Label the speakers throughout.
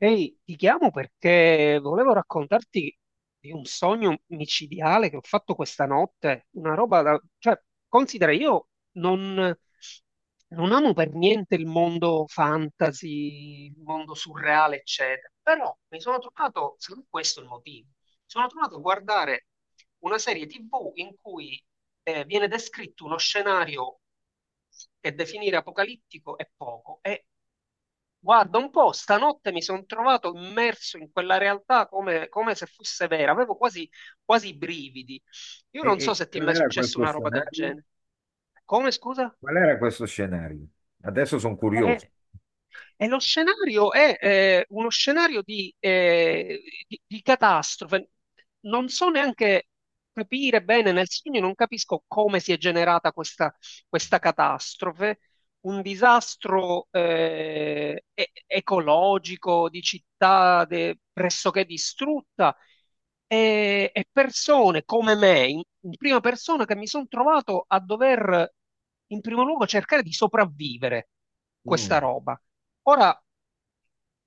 Speaker 1: Ehi, ti chiamo perché volevo raccontarti di un sogno micidiale che ho fatto questa notte, una roba da... cioè, considera, io non, non amo per niente il mondo fantasy, il mondo surreale, eccetera, però mi sono trovato, secondo me questo è il motivo, mi sono trovato a guardare una serie TV in cui viene descritto uno scenario che definire apocalittico è poco, è Guarda, un po', stanotte mi sono trovato immerso in quella realtà come, come se fosse vera, quasi i brividi. Io
Speaker 2: E,
Speaker 1: non so
Speaker 2: e
Speaker 1: se ti è
Speaker 2: qual
Speaker 1: mai
Speaker 2: era
Speaker 1: successo
Speaker 2: questo
Speaker 1: una roba del
Speaker 2: scenario?
Speaker 1: genere. Come, scusa?
Speaker 2: Qual era questo scenario? Adesso sono curioso.
Speaker 1: Eh, e lo scenario è uno scenario di catastrofe. Non so neanche capire bene nel segno, non capisco come si è generata questa catastrofe. Un disastro ecologico di città pressoché distrutta e persone come me, in prima persona, che mi sono trovato a dover, in primo luogo, cercare di sopravvivere questa
Speaker 2: Mm.
Speaker 1: roba. Ora,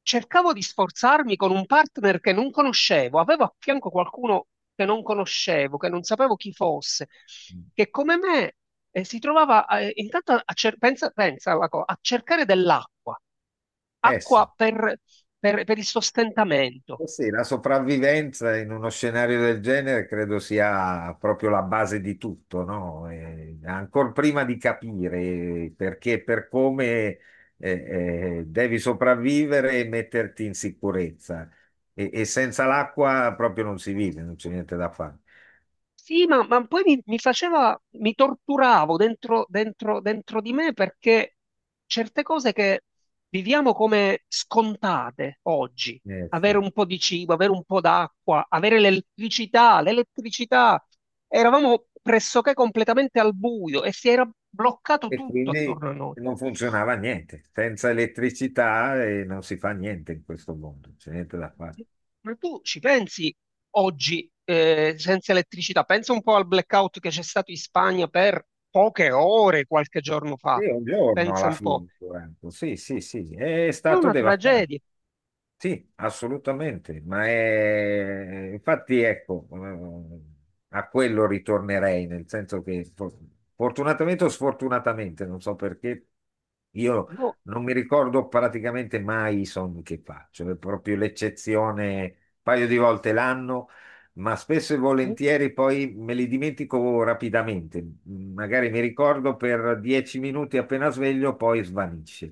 Speaker 1: cercavo di sforzarmi con un partner che non conoscevo, avevo a fianco qualcuno che non conoscevo, che non sapevo chi fosse, che come me si trovava intanto a, pensa alla a cercare dell'acqua,
Speaker 2: Eh sì,
Speaker 1: acqua per, per il sostentamento.
Speaker 2: eh sì, la sopravvivenza in uno scenario del genere credo sia proprio la base di tutto, no? Ancor prima di capire perché, per come eh, devi sopravvivere e metterti in sicurezza. E senza l'acqua proprio non si vive, non c'è niente da fare.
Speaker 1: Sì, ma, mi faceva, mi torturavo dentro, dentro di me perché certe cose che viviamo come scontate oggi,
Speaker 2: Eh sì.
Speaker 1: avere un po' di cibo, avere un po' d'acqua, l'elettricità, eravamo pressoché completamente al buio e si era bloccato
Speaker 2: E
Speaker 1: tutto
Speaker 2: quindi
Speaker 1: attorno a noi.
Speaker 2: non funzionava niente. Senza elettricità non si fa niente in questo mondo, c'è niente da fare.
Speaker 1: Ma tu ci pensi oggi senza elettricità? Pensa un po' al blackout che c'è stato in Spagna per poche ore qualche giorno fa.
Speaker 2: Io un giorno
Speaker 1: Pensa
Speaker 2: alla
Speaker 1: un po'.
Speaker 2: fine, ho detto, sì, sì, sì, è
Speaker 1: È
Speaker 2: stato
Speaker 1: una
Speaker 2: devastante.
Speaker 1: tragedia.
Speaker 2: Sì, assolutamente, ma infatti ecco, a quello ritornerei, nel senso che fortunatamente o sfortunatamente, non so perché, io
Speaker 1: Io
Speaker 2: non mi ricordo praticamente mai i sogni che faccio, è proprio l'eccezione, un paio di volte l'anno, ma spesso e
Speaker 1: sì.
Speaker 2: volentieri poi me li dimentico rapidamente, magari mi ricordo per 10 minuti appena sveglio, poi svanisce.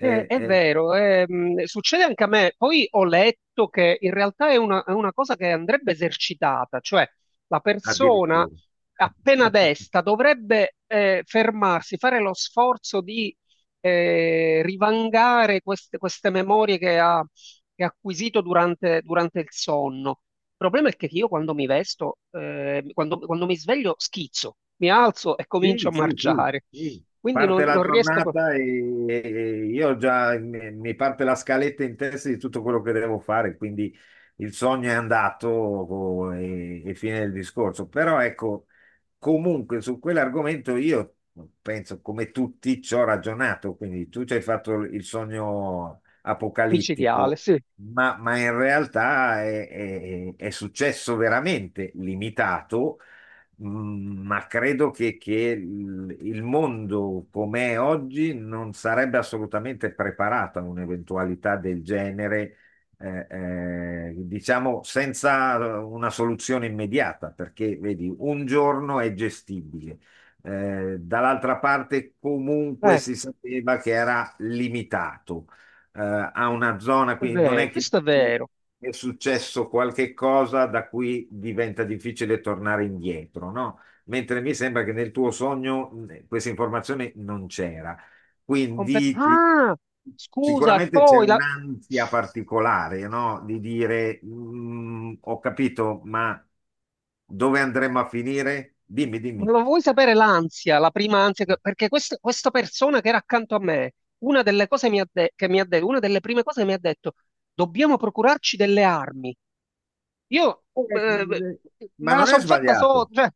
Speaker 1: È
Speaker 2: eh,
Speaker 1: vero, succede anche a me. Poi ho letto che in realtà è una cosa che andrebbe esercitata, cioè la persona
Speaker 2: Addirittura.
Speaker 1: appena desta dovrebbe fermarsi, fare lo sforzo di rivangare queste memorie che ha acquisito durante il sonno. Il problema è che io quando mi vesto, quando mi sveglio, schizzo, mi alzo e comincio
Speaker 2: Sì,
Speaker 1: a
Speaker 2: sì, sì,
Speaker 1: marciare.
Speaker 2: sì.
Speaker 1: Quindi
Speaker 2: Parte la
Speaker 1: non riesco proprio.
Speaker 2: giornata e io già mi parte la scaletta in testa di tutto quello che devo fare, quindi il sogno è andato, oh, e fine del discorso. Però ecco, comunque su quell'argomento io penso come tutti ci ho ragionato, quindi tu ci hai fatto il sogno
Speaker 1: Micidiale,
Speaker 2: apocalittico.
Speaker 1: sì.
Speaker 2: Ma in realtà è successo veramente limitato. Ma credo che il mondo com'è oggi non sarebbe assolutamente preparato a un'eventualità del genere, eh, diciamo senza una soluzione immediata, perché vedi, un giorno è gestibile. Dall'altra parte comunque
Speaker 1: Eh,
Speaker 2: si sapeva che era limitato ha una zona,
Speaker 1: è
Speaker 2: quindi non
Speaker 1: vero,
Speaker 2: è che
Speaker 1: questo è
Speaker 2: ti
Speaker 1: vero.
Speaker 2: è successo qualche cosa da cui diventa difficile tornare indietro, no? Mentre mi sembra che nel tuo sogno questa informazione non c'era.
Speaker 1: Complet-
Speaker 2: Quindi
Speaker 1: ah, scusa, e
Speaker 2: sicuramente c'è
Speaker 1: poi la...
Speaker 2: un'ansia particolare, no? Di dire: "Mm, ho capito, ma dove andremo a finire? Dimmi,
Speaker 1: Ma
Speaker 2: dimmi."
Speaker 1: lo vuoi sapere l'ansia, la prima ansia? Perché questa persona che era accanto a me, una delle cose mi ha de- che mi ha detto, una delle prime cose che mi ha detto, dobbiamo procurarci delle armi. Io eh,
Speaker 2: Eh, Ma
Speaker 1: me la
Speaker 2: non è
Speaker 1: sono fatta
Speaker 2: sbagliato.
Speaker 1: sotto, cioè,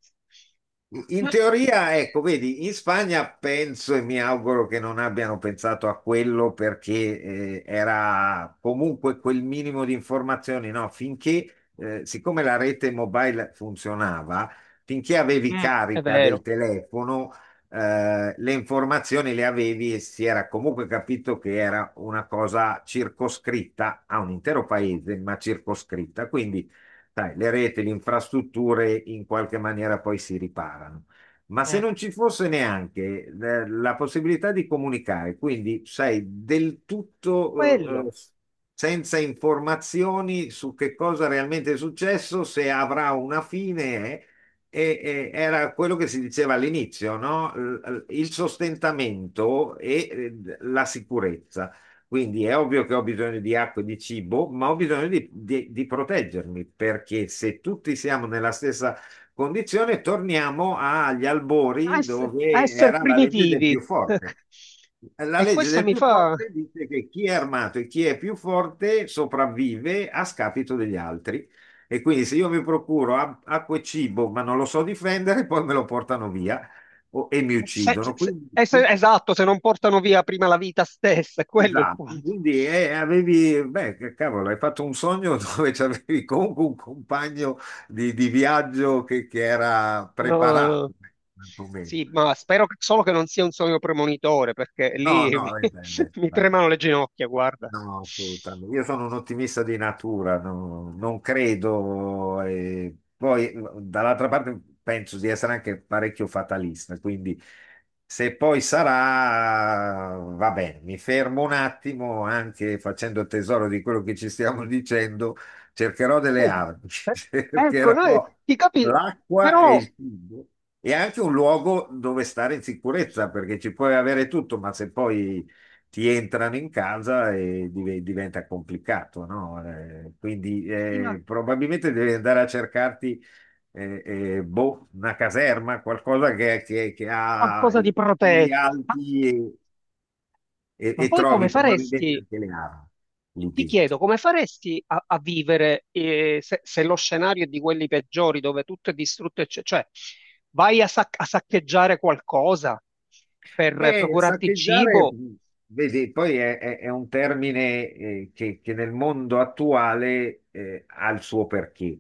Speaker 2: In
Speaker 1: ma-
Speaker 2: teoria, ecco, vedi, in Spagna penso e mi auguro che non abbiano pensato a quello, perché era comunque quel minimo di informazioni, no? Finché, siccome la rete mobile funzionava, finché avevi
Speaker 1: mm, è
Speaker 2: carica del
Speaker 1: vero.
Speaker 2: telefono, le informazioni le avevi, e si era comunque capito che era una cosa circoscritta a un intero paese, ma circoscritta. Quindi sai, le reti, le infrastrutture in qualche maniera poi si riparano. Ma se
Speaker 1: Mm.
Speaker 2: non ci fosse neanche la possibilità di comunicare, quindi sei del tutto
Speaker 1: Quello,
Speaker 2: senza informazioni su che cosa realmente è successo, se avrà una fine. E era quello che si diceva all'inizio, no? Il sostentamento e la sicurezza. Quindi è ovvio che ho bisogno di acqua e di cibo, ma ho bisogno di proteggermi, perché se tutti siamo nella stessa condizione, torniamo agli
Speaker 1: a,
Speaker 2: albori
Speaker 1: ess- a
Speaker 2: dove
Speaker 1: essere
Speaker 2: era la legge del
Speaker 1: primitivi.
Speaker 2: più forte. La
Speaker 1: E
Speaker 2: legge
Speaker 1: questo
Speaker 2: del
Speaker 1: mi
Speaker 2: più
Speaker 1: fa...
Speaker 2: forte dice che chi è armato e chi è più forte sopravvive a scapito degli altri. E quindi se io mi procuro acqua e cibo, ma non lo so difendere, poi me lo portano via e mi uccidono. Quindi
Speaker 1: Esatto, se non portano via prima la vita stessa, è quello il
Speaker 2: esatto,
Speaker 1: punto.
Speaker 2: quindi avevi, beh, che cavolo, hai fatto un sogno dove avevi comunque un compagno di viaggio che era
Speaker 1: No,
Speaker 2: preparato, quantomeno.
Speaker 1: sì, ma spero solo che non sia un sogno premonitore, perché
Speaker 2: No, no, beh, beh,
Speaker 1: mi
Speaker 2: beh.
Speaker 1: tremano le ginocchia, guarda.
Speaker 2: No, assolutamente. Io sono un ottimista di natura, non credo. E poi, dall'altra parte, penso di essere anche parecchio fatalista, quindi se poi sarà, va bene, mi fermo un attimo, anche facendo tesoro di quello che ci stiamo dicendo, cercherò delle armi,
Speaker 1: Eh, ecco, noi
Speaker 2: cercherò
Speaker 1: ti capi,
Speaker 2: l'acqua e
Speaker 1: però
Speaker 2: il cibo e anche un luogo dove stare in sicurezza, perché ci puoi avere tutto, ma se poi ti entrano in casa e diventa complicato, no? Quindi
Speaker 1: sì, ma
Speaker 2: probabilmente devi andare a cercarti boh, una caserma, qualcosa che ha
Speaker 1: qualcosa
Speaker 2: i
Speaker 1: di
Speaker 2: muri
Speaker 1: protetto.
Speaker 2: alti, e, e-
Speaker 1: Ma
Speaker 2: e
Speaker 1: poi come
Speaker 2: trovi probabilmente
Speaker 1: faresti?
Speaker 2: anche le armi lì
Speaker 1: Ti
Speaker 2: dentro.
Speaker 1: chiedo, come faresti a vivere se lo scenario è di quelli peggiori, dove tutto è distrutto, cioè, vai a saccheggiare qualcosa per
Speaker 2: E
Speaker 1: procurarti il
Speaker 2: saccheggiare,
Speaker 1: cibo?
Speaker 2: vedi, poi è un termine che nel mondo attuale ha il suo perché.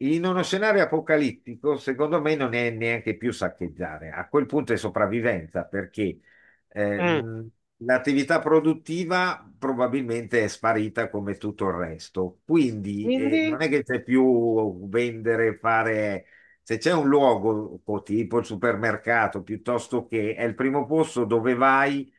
Speaker 2: In uno scenario apocalittico, secondo me, non è neanche più saccheggiare. A quel punto è sopravvivenza, perché eh,
Speaker 1: Mm.
Speaker 2: mh, l'attività produttiva probabilmente è sparita come tutto il resto. Quindi
Speaker 1: Quindi,
Speaker 2: non è che c'è più vendere, fare... Se c'è un luogo, tipo il supermercato, piuttosto che è il primo posto dove vai,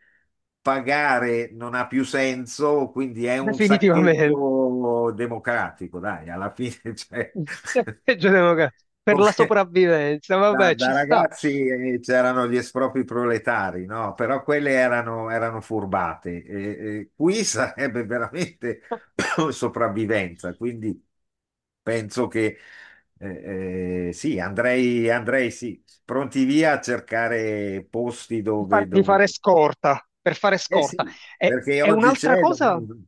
Speaker 2: pagare non ha più senso, quindi è un
Speaker 1: definitivamente,
Speaker 2: saccheggio democratico, dai, alla fine, cioè,
Speaker 1: saccheggio democratico per la
Speaker 2: come-
Speaker 1: sopravvivenza,
Speaker 2: da
Speaker 1: vabbè, ci
Speaker 2: da
Speaker 1: sta.
Speaker 2: ragazzi, c'erano gli espropri proletari, no? Però quelle erano furbate. E qui sarebbe veramente sopravvivenza, quindi penso che sì, andrei sì, pronti via a cercare posti
Speaker 1: Di, far-
Speaker 2: dove,
Speaker 1: di
Speaker 2: dove
Speaker 1: fare scorta, per fare
Speaker 2: eh
Speaker 1: scorta.
Speaker 2: sì, perché
Speaker 1: E
Speaker 2: oggi
Speaker 1: un'altra
Speaker 2: c'è...
Speaker 1: cosa.
Speaker 2: domani-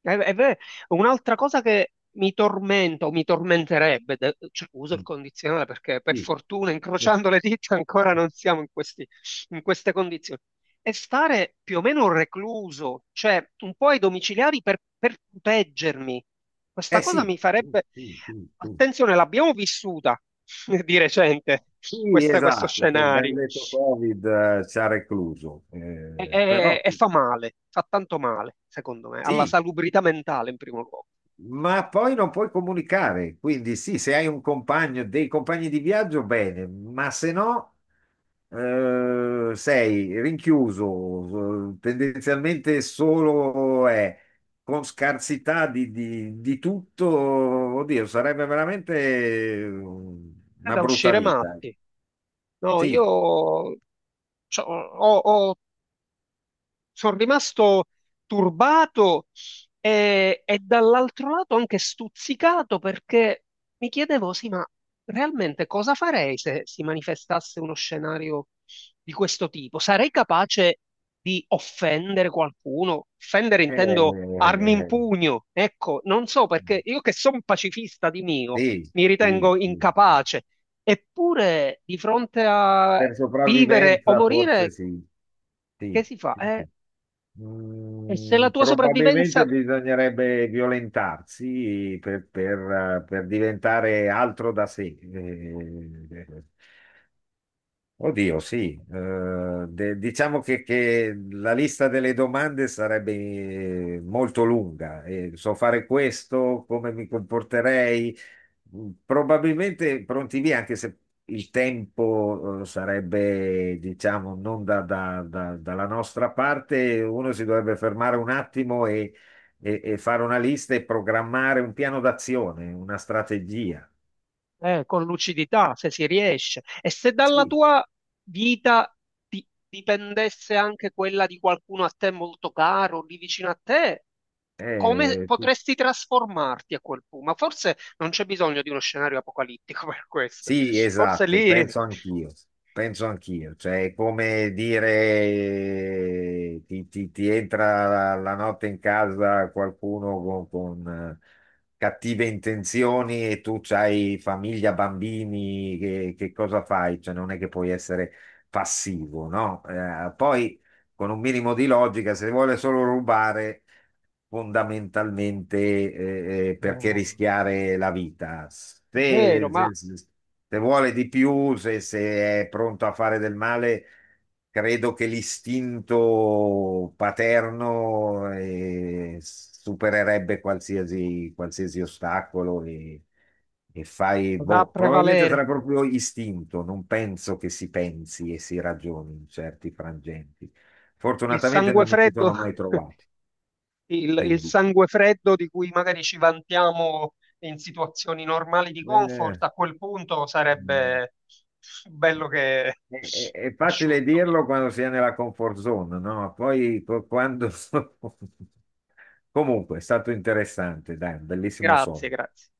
Speaker 1: È- è ver- Un'altra cosa che mi tormenta o mi tormenterebbe, cioè, uso il condizionale perché per
Speaker 2: Sì.
Speaker 1: fortuna, incrociando le dita, ancora non siamo in in queste condizioni, è stare più o meno recluso, cioè un po' ai domiciliari per proteggermi. Questa
Speaker 2: Eh
Speaker 1: cosa
Speaker 2: sì.
Speaker 1: mi farebbe... Attenzione, l'abbiamo vissuta di recente,
Speaker 2: Sì,
Speaker 1: questo
Speaker 2: esatto, col
Speaker 1: scenario,
Speaker 2: benedetto Covid ci ha recluso. Però
Speaker 1: e fa male, fa tanto male, secondo me, alla
Speaker 2: sì,
Speaker 1: salubrità mentale in primo luogo.
Speaker 2: ma poi non puoi comunicare, quindi sì, se hai un compagno, dei compagni di viaggio, bene, ma se no sei rinchiuso, tendenzialmente solo è con scarsità di tutto, oddio, sarebbe veramente
Speaker 1: È
Speaker 2: una
Speaker 1: da
Speaker 2: brutta
Speaker 1: uscire
Speaker 2: vita.
Speaker 1: matti. No,
Speaker 2: Sì,
Speaker 1: io ho sono rimasto turbato e dall'altro lato anche stuzzicato perché mi chiedevo, sì, ma realmente cosa farei se si manifestasse uno scenario di questo tipo? Sarei capace di offendere qualcuno? Offendere intendo armi in
Speaker 2: eh,
Speaker 1: pugno, ecco, non so perché io che sono pacifista di mio,
Speaker 2: sì,
Speaker 1: mi
Speaker 2: sì,
Speaker 1: ritengo
Speaker 2: sì. Sì.
Speaker 1: incapace. Eppure, di fronte a
Speaker 2: Per
Speaker 1: vivere o
Speaker 2: sopravvivenza forse
Speaker 1: morire,
Speaker 2: sì.
Speaker 1: che
Speaker 2: Sì,
Speaker 1: si fa?
Speaker 2: sì, sì.
Speaker 1: E se la tua sopravvivenza,
Speaker 2: Probabilmente bisognerebbe violentarsi, per diventare altro da sé. Oddio, sì. Diciamo che la lista delle domande sarebbe molto lunga. So fare questo, come mi comporterei. Probabilmente pronti via, anche se il tempo sarebbe, diciamo, non dalla nostra parte, uno si dovrebbe fermare un attimo e fare una lista e programmare un piano d'azione, una strategia.
Speaker 1: con lucidità, se si riesce, e se dalla
Speaker 2: Sì.
Speaker 1: tua vita dipendesse anche quella di qualcuno a te molto caro, lì vicino a te, come
Speaker 2: Eh,
Speaker 1: potresti trasformarti a quel punto? Ma forse non c'è bisogno di uno scenario apocalittico per questo.
Speaker 2: Sì,
Speaker 1: Forse
Speaker 2: esatto,
Speaker 1: lì,
Speaker 2: penso anch'io, cioè è come dire, ti, ti entra la notte in casa qualcuno con, cattive intenzioni, e tu hai famiglia, bambini, che cosa fai? Cioè non è che puoi essere passivo, no? Poi con un minimo di logica, se vuole solo rubare fondamentalmente, perché
Speaker 1: oh,
Speaker 2: rischiare la vita.
Speaker 1: è vero,
Speaker 2: Se,
Speaker 1: ma
Speaker 2: se- se vuole di più, se è pronto a fare del male, credo che l'istinto paterno supererebbe qualsiasi, qualsiasi ostacolo, e fai,
Speaker 1: va a
Speaker 2: boh, probabilmente
Speaker 1: prevalere
Speaker 2: sarà proprio istinto, non penso che si pensi e si ragioni in certi frangenti.
Speaker 1: il
Speaker 2: Fortunatamente
Speaker 1: sangue
Speaker 2: non mi ci
Speaker 1: freddo.
Speaker 2: sono mai trovato,
Speaker 1: Il il
Speaker 2: quindi
Speaker 1: sangue freddo di cui magari ci vantiamo in situazioni normali di
Speaker 2: eh,
Speaker 1: comfort, a quel punto
Speaker 2: mm,
Speaker 1: sarebbe bello che
Speaker 2: è facile
Speaker 1: asciutto.
Speaker 2: dirlo quando si è nella comfort zone, no? Poi quando... Comunque, è stato interessante, dai, un bellissimo
Speaker 1: Grazie,
Speaker 2: sonno.
Speaker 1: grazie.